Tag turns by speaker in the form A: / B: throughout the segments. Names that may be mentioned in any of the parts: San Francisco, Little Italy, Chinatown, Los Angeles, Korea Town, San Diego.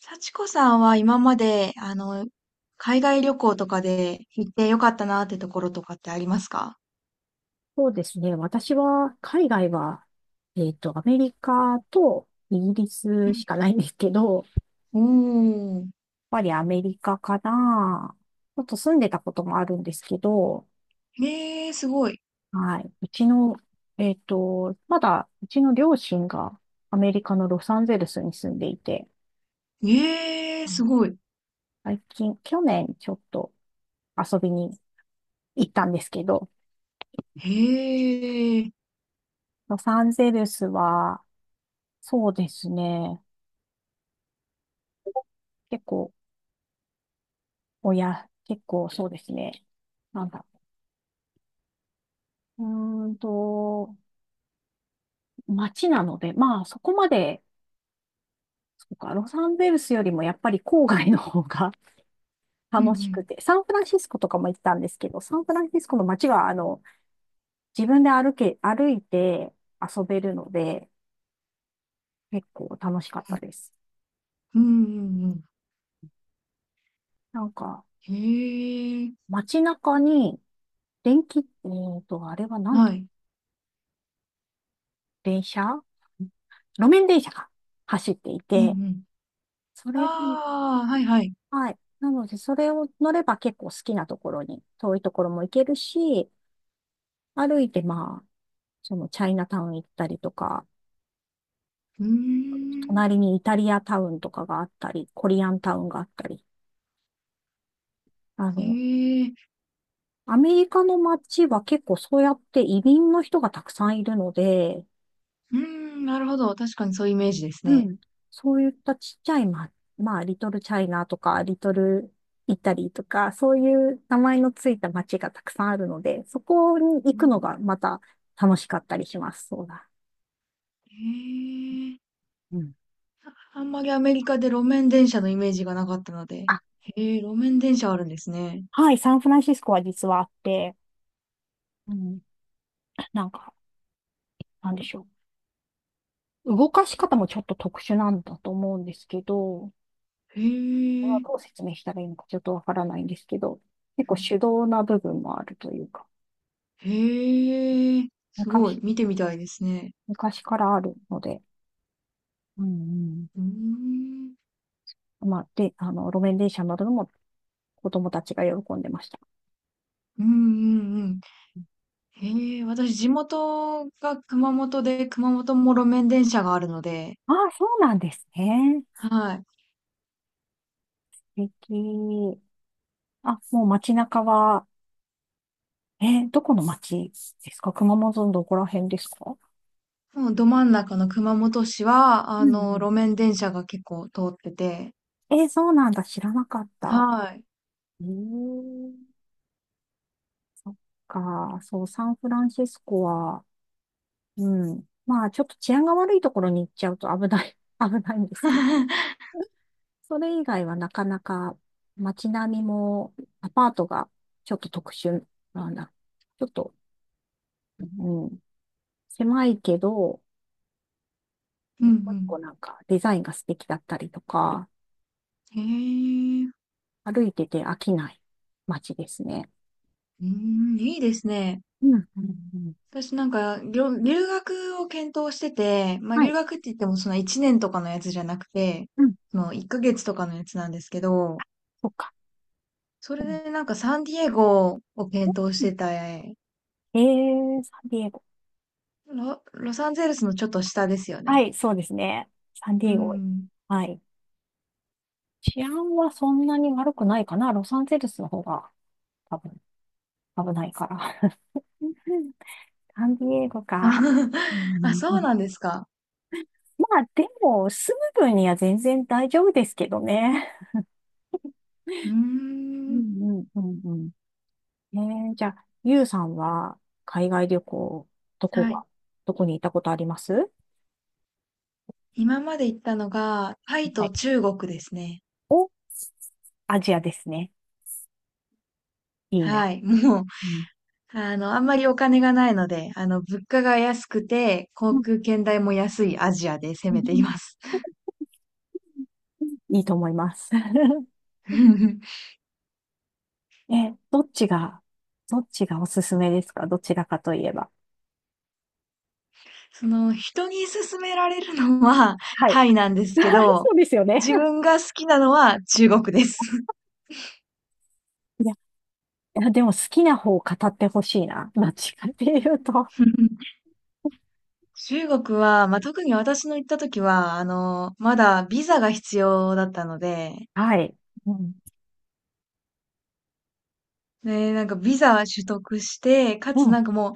A: 幸子さんは今まで、海外旅行とかで行ってよかったなってところとかってありますか？
B: そうですね。私は、海外は、アメリカとイギリスしかないんですけど、やっ
A: うんおー。
B: ぱりアメリカかな。ちょっと住んでたこともあるんですけど、
A: へえ、すごい。
B: はい。うちの、えっと、まだ、うちの両親がアメリカのロサンゼルスに住んでいて、
A: へえ、
B: うん。
A: すごい。
B: 最近、去年ちょっと遊びに行ったんですけど、
A: へえ。
B: ロサンゼルスは、そうですね。結構、結構そうですね。なんだろう。うーんと、街なので、まあそこまで、そうか、ロサンゼルスよりもやっぱり郊外の方が
A: うんう
B: 楽しく
A: ん。
B: て、サンフランシスコとかも行ったんですけど、サンフランシスコの街は、自分で歩いて遊べるので、結構楽しかったです。
A: うんうん
B: なんか、
A: うん。へえ。
B: 街中に、電気、あれはなんて、
A: はい。
B: 電車路面電車が走ってい
A: うんう
B: て、
A: ん。
B: それが、
A: ああ、はいはい。
B: はい。なので、それを乗れば結構好きなところに、遠いところも行けるし、歩いてまあ、そのチャイナタウン行ったりとか、
A: うーん。
B: 隣にイタリアタウンとかがあったり、コリアンタウンがあったり、あ
A: へ
B: の、
A: え。
B: アメリカの街は結構そうやって移民の人がたくさんいるので、
A: うーん、なるほど。確かにそういうイメージです
B: う
A: ね。
B: ん。そういったちっちゃい、まあ、リトルチャイナとか、リトルイタリーとか、そういう名前のついた街がたくさんあるので、そこに行
A: う
B: くの
A: ん。
B: がまた楽しかったりします。そうだ。
A: へえ。
B: うん。
A: あんまりアメリカで路面電車のイメージがなかったので。
B: あ、
A: へえ、路面電車あるんですね。
B: はい、サンフランシスコは実はあって、うん、なんか、なんでしょう。動かし方もちょっと特殊なんだと思うんですけど、
A: へ
B: これは
A: え、
B: どう説明したらいいのかちょっとわからないんですけど、結構手動な部分もあるというか、
A: へえ、すご
B: 昔、
A: い、見てみたいですね。
B: 昔からあるので、うんうん。
A: うーん、
B: まあ、で、路面電車に乗るのも子供たちが喜んでました。
A: うんうんうん。へえ、私地元が熊本で、熊本も路面電車があるので、
B: ああ、そうなんですね。
A: はい。
B: 素敵。あ、もう街中は、え、どこの街ですか？熊本のどこら辺ですか？
A: もうど真ん中の熊本市は、
B: うん
A: 路面電車が結構通ってて、
B: うん。え、そうなんだ。知らなかった。
A: はい。
B: うん。そっか。そう、サンフランシスコは、うん。まあ、ちょっと治安が悪いところに行っちゃうと危ない、危ないんですけ、 それ以外はなかなか街並みもアパートがちょっと特殊なんだ。ちょっと、うん、狭いけど、
A: うんう
B: 一個一
A: ん。
B: 個なんかデザインが素敵だったりとか、
A: へえ、
B: 歩いてて飽きない街ですね。
A: うん、いいですね。
B: うん、うん、うん。
A: 私なんか、留学を検討してて、まあ
B: は
A: 留
B: い、
A: 学って言ってもその1年とかのやつじゃなくて、
B: うん、
A: その1ヶ月とかのやつなんですけど、
B: そっか。
A: それで
B: う
A: なんかサンディエゴを検討し
B: ん。
A: てた。
B: えサンディエゴ。
A: ロサンゼルスのちょっと下ですよ
B: は
A: ね。
B: い、そうですね。サンデ
A: う
B: ィエゴ。
A: ん。
B: はい。治安はそんなに悪くないかな。ロサンゼルスの方が多分危ないから。サンディエゴか。う
A: あ、
B: ん、
A: そうなんですか。
B: まあ、でも、住む分には全然大丈夫ですけどね。
A: うー
B: う
A: ん。
B: んうんうんうん。じゃあ、ゆうさんは海外旅行、どこ
A: はい。
B: が、どこに行ったことありますは
A: 今まで行ったのが、タイと
B: い。
A: 中国ですね。
B: お、アジアですね。いいな。
A: はい。もう、
B: うん。
A: あんまりお金がないので、物価が安くて、
B: う
A: 航
B: ん、
A: 空券代も安いアジアで攻めています。
B: いいと思います。え、どっちがおすすめですか？どちらかといえば。
A: その、人に勧められるのは
B: はい。
A: タイなんですけ
B: そ
A: ど、
B: うですよね。
A: 自分が好きなのは中国です。
B: いや、でも好きな方を語ってほしいな。どっちかっていうと。
A: 中国は、まあ、特に私の行った時は、まだビザが必要だったので、
B: はい。うん。
A: ね、なんかビザ取得して、か
B: う
A: つ
B: ん。
A: なんかも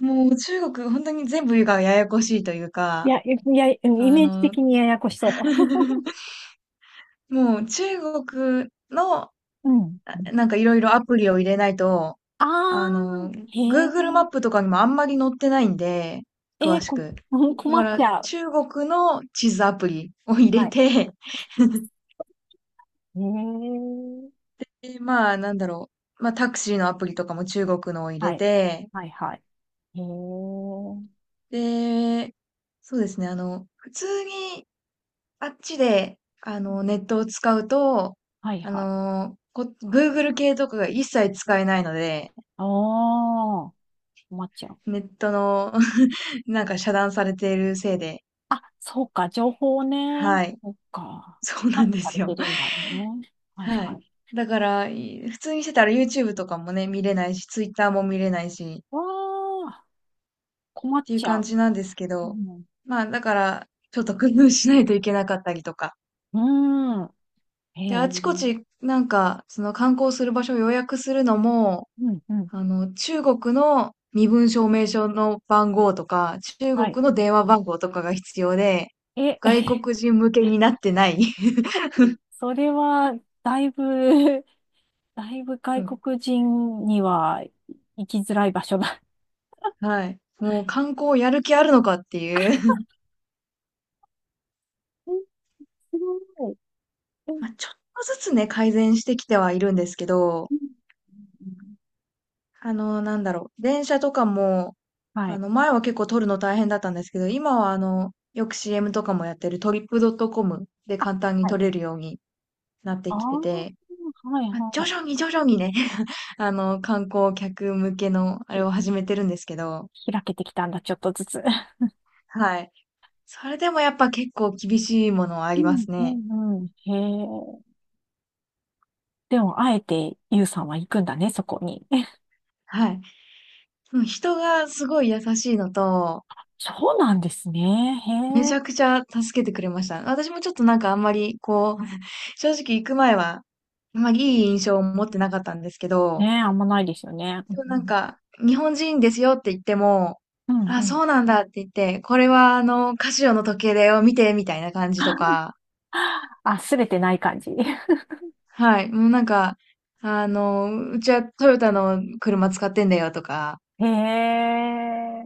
A: う、もう中国本当に全部がややこしいという
B: い
A: か、
B: や、いや、イ
A: あ
B: メージ
A: の、
B: 的にややこしそ
A: もう中国の、あ
B: う。うん。
A: なんかいろいろアプリを入れないと、
B: あ
A: あ
B: ー、
A: の、
B: へえ。
A: Google マップとかにもあんまり載ってないんで、
B: え
A: 詳
B: ー、
A: し
B: こ、
A: く。
B: うん、
A: だ
B: 困っ
A: か
B: ち
A: ら
B: ゃう。
A: 中国の地図アプリを入
B: は
A: れ
B: い。
A: て
B: へえ。
A: で、まあなんだろう。まあタクシーのアプリとかも中国のを入れ
B: はい。
A: て、
B: はい、はい。へえ。うん。
A: で、そうですね、普通にあっちで、ネットを使うと、
B: はい、はい。
A: Google 系とかが一切使えないので、
B: あー、困っちゃう。
A: ネットの なんか遮断されているせいで、
B: あ、そうか、情報ね。
A: はい。
B: そう か。
A: そうな
B: 管
A: ん
B: 理
A: で
B: さ
A: す
B: れて
A: よ。
B: るんだよね。はい、
A: は
B: は
A: い。
B: い。
A: だから、普通にしてたら YouTube とかもね、見れないし、Twitter も見れないし、
B: わー、困
A: っ
B: っ
A: ていう
B: ちゃ
A: 感
B: う。
A: じなんですけ
B: う
A: ど、
B: ん。
A: まあ、だから、ちょっと工夫しないといけなかったりとか。
B: うーん。へ
A: で、
B: え。
A: あちこ
B: う
A: ち、なんか、その観光する場所を予約するのも、
B: ん、うん。
A: 中国の身分証明書の番号とか、中
B: はい。
A: 国の電話番号とかが必要で、
B: え、
A: 外 国人向けになってない。
B: それは、だいぶ、だいぶ
A: う
B: 外
A: ん。
B: 国人には行きづらい場所だ。
A: はい。もう観光やる気あるのかっていう
B: え、すごい。う ん
A: まあ、ちょっとずつね、改善してきてはいるんですけど、
B: うんうん。
A: なんだろう、電車とかも、
B: はい。
A: 前は結構撮るの大変だったんですけど、今はよく CM とかもやってるトリップドットコムで
B: あ、
A: 簡単に
B: は
A: 撮
B: い。
A: れるようになって
B: ああ、
A: きてて、
B: はい
A: ま、徐
B: はい。
A: 々に徐々にね 観光客向けのあれ
B: ひ、
A: を始めてるんですけど、
B: 開けてきたんだ、ちょっとずつ。
A: はい。それでもやっぱ結構厳しいものはあ
B: う
A: りま
B: ん、
A: す
B: う
A: ね。
B: ん、うん。へえ。でも、あえて、ゆうさんは行くんだね、そこに。
A: はい。うん。人がすごい優しいのと、
B: そうなんですね。
A: め
B: へ
A: ちゃ
B: え。
A: くちゃ助けてくれました。私もちょっとなんかあんまり、こう、正直行く前は、あんまりいい印象を持ってなかったんですけ
B: ねえ、
A: ど、
B: あんまないですよね。う
A: でもなん
B: ん、
A: か、日本人ですよって言っても、
B: うん、うんう
A: あ、
B: ん。
A: そうなんだって言って、これはカシオの時計だよ、見て、みたいな感じとか、
B: あ、すべてない感じ。
A: はい、もうなんか、うちはトヨタの車使ってんだよとか、
B: へえ。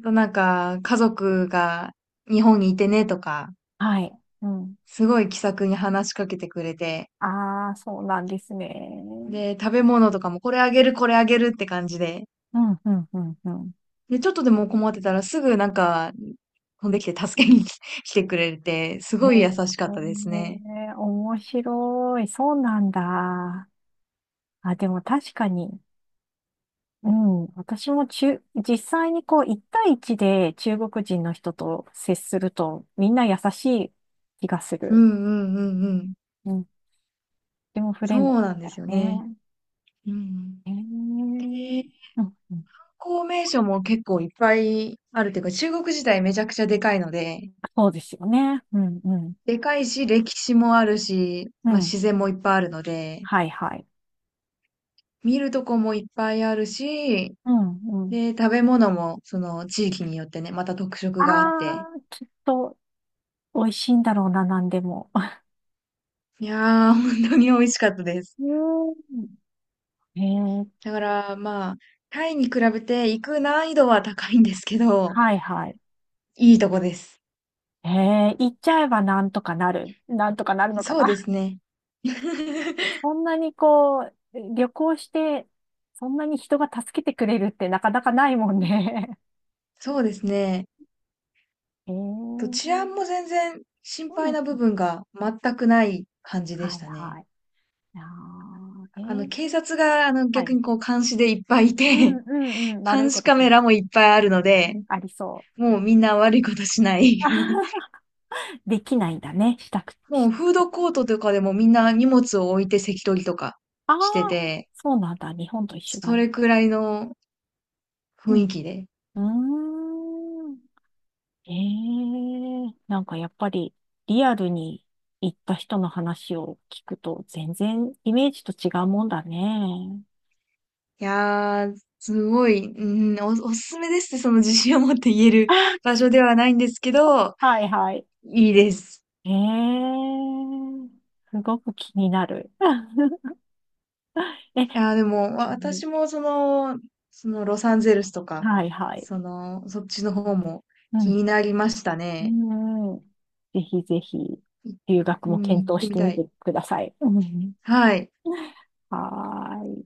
A: あとなんか、家族が日本にいてねとか、
B: はい。うん。
A: すごい気さくに話しかけてくれて、
B: ああ、そうなんですね。
A: で、食べ物とかもこれあげる、これあげるって感じで、
B: うん、うん、うん、うん。
A: で、ちょっとでも困ってたらすぐなんか飛んできて助けに 来てくれて、す
B: へ
A: ごい
B: え、
A: 優しかったですね。
B: 面白い。そうなんだ。あ、でも確かに。うん。私も実際にこう、一対一で中国人の人と接すると、みんな優しい気がす
A: う
B: る。
A: んうんうんうん。
B: うん。とてもフレ
A: そ
B: ンドリ
A: う
B: ー
A: なん
B: だ
A: で
B: よ
A: すよね。
B: ね。
A: うんうん。
B: へえ。うん、
A: で、
B: うん。
A: 観光名所も結構いっぱいあるというか、中国自体めちゃくちゃでかいので、
B: そうですよね。うん、うん。
A: でかいし、歴史もあるし、
B: う
A: まあ
B: ん。
A: 自然もいっぱいあるので、
B: はいはい。
A: 見るとこもいっぱいあるし、
B: うんうん。
A: で、食べ物もその地域によってね、また特色
B: あ
A: があって、
B: あ、きっと美味しいんだろうな、なんでも。
A: いやー、本当に美味しかったです。
B: うーん。へえ、
A: だからまあ、タイに比べて行く難易度は高いんですけど、
B: はいはい。
A: いいとこです。
B: へえ、行っちゃえばなんとかなる。なんとかなるのか
A: そうで
B: な。
A: すね。
B: そんなにこう、旅行して、そんなに人が助けてくれるってなかなかないもんね。
A: そうですね。
B: へえ、う
A: と治安
B: ん。
A: も全然心配な部分が全くない感じで
B: は
A: し
B: い
A: たね。
B: はい。あー、へ
A: 警察
B: え、
A: が
B: は
A: 逆
B: い。
A: にこう監視でいっぱいい
B: うん
A: て、
B: うんうん。悪い
A: 監
B: こ
A: 視
B: と
A: カ
B: し
A: メ
B: ない
A: ラ
B: よ。
A: もいっぱいあるの
B: う
A: で、
B: ん、ありそう。は
A: もう
B: い。
A: みんな悪いことしない。
B: できないんだね。したく、
A: もう
B: し
A: フードコートとかでもみんな荷物を置いて席取りとか
B: あ
A: して
B: あ、
A: て、
B: そうなんだ。日本と一緒だ
A: そ
B: ね。
A: れくらいの
B: う
A: 雰
B: ん。
A: 囲気で。
B: うーん。ええ、なんかやっぱりリアルに行った人の話を聞くと全然イメージと違うもんだね。
A: いやー、すごい、うん、おすすめですってその自信を持って言える 場所ではないんですけど、
B: はいはい。
A: いいです。
B: ええ、すごく気になる。え、
A: いやー、でも
B: うん。
A: 私もその、ロサンゼルスとか、
B: はいはい。
A: その、そっちの方も
B: う
A: 気
B: ん。
A: になりましたね。
B: うん。ぜひぜひ、
A: い
B: 留学
A: う
B: も
A: ん、行っ
B: 検討
A: て
B: し
A: み
B: て
A: た
B: み
A: い。
B: てください。うん。
A: はい。
B: はーい。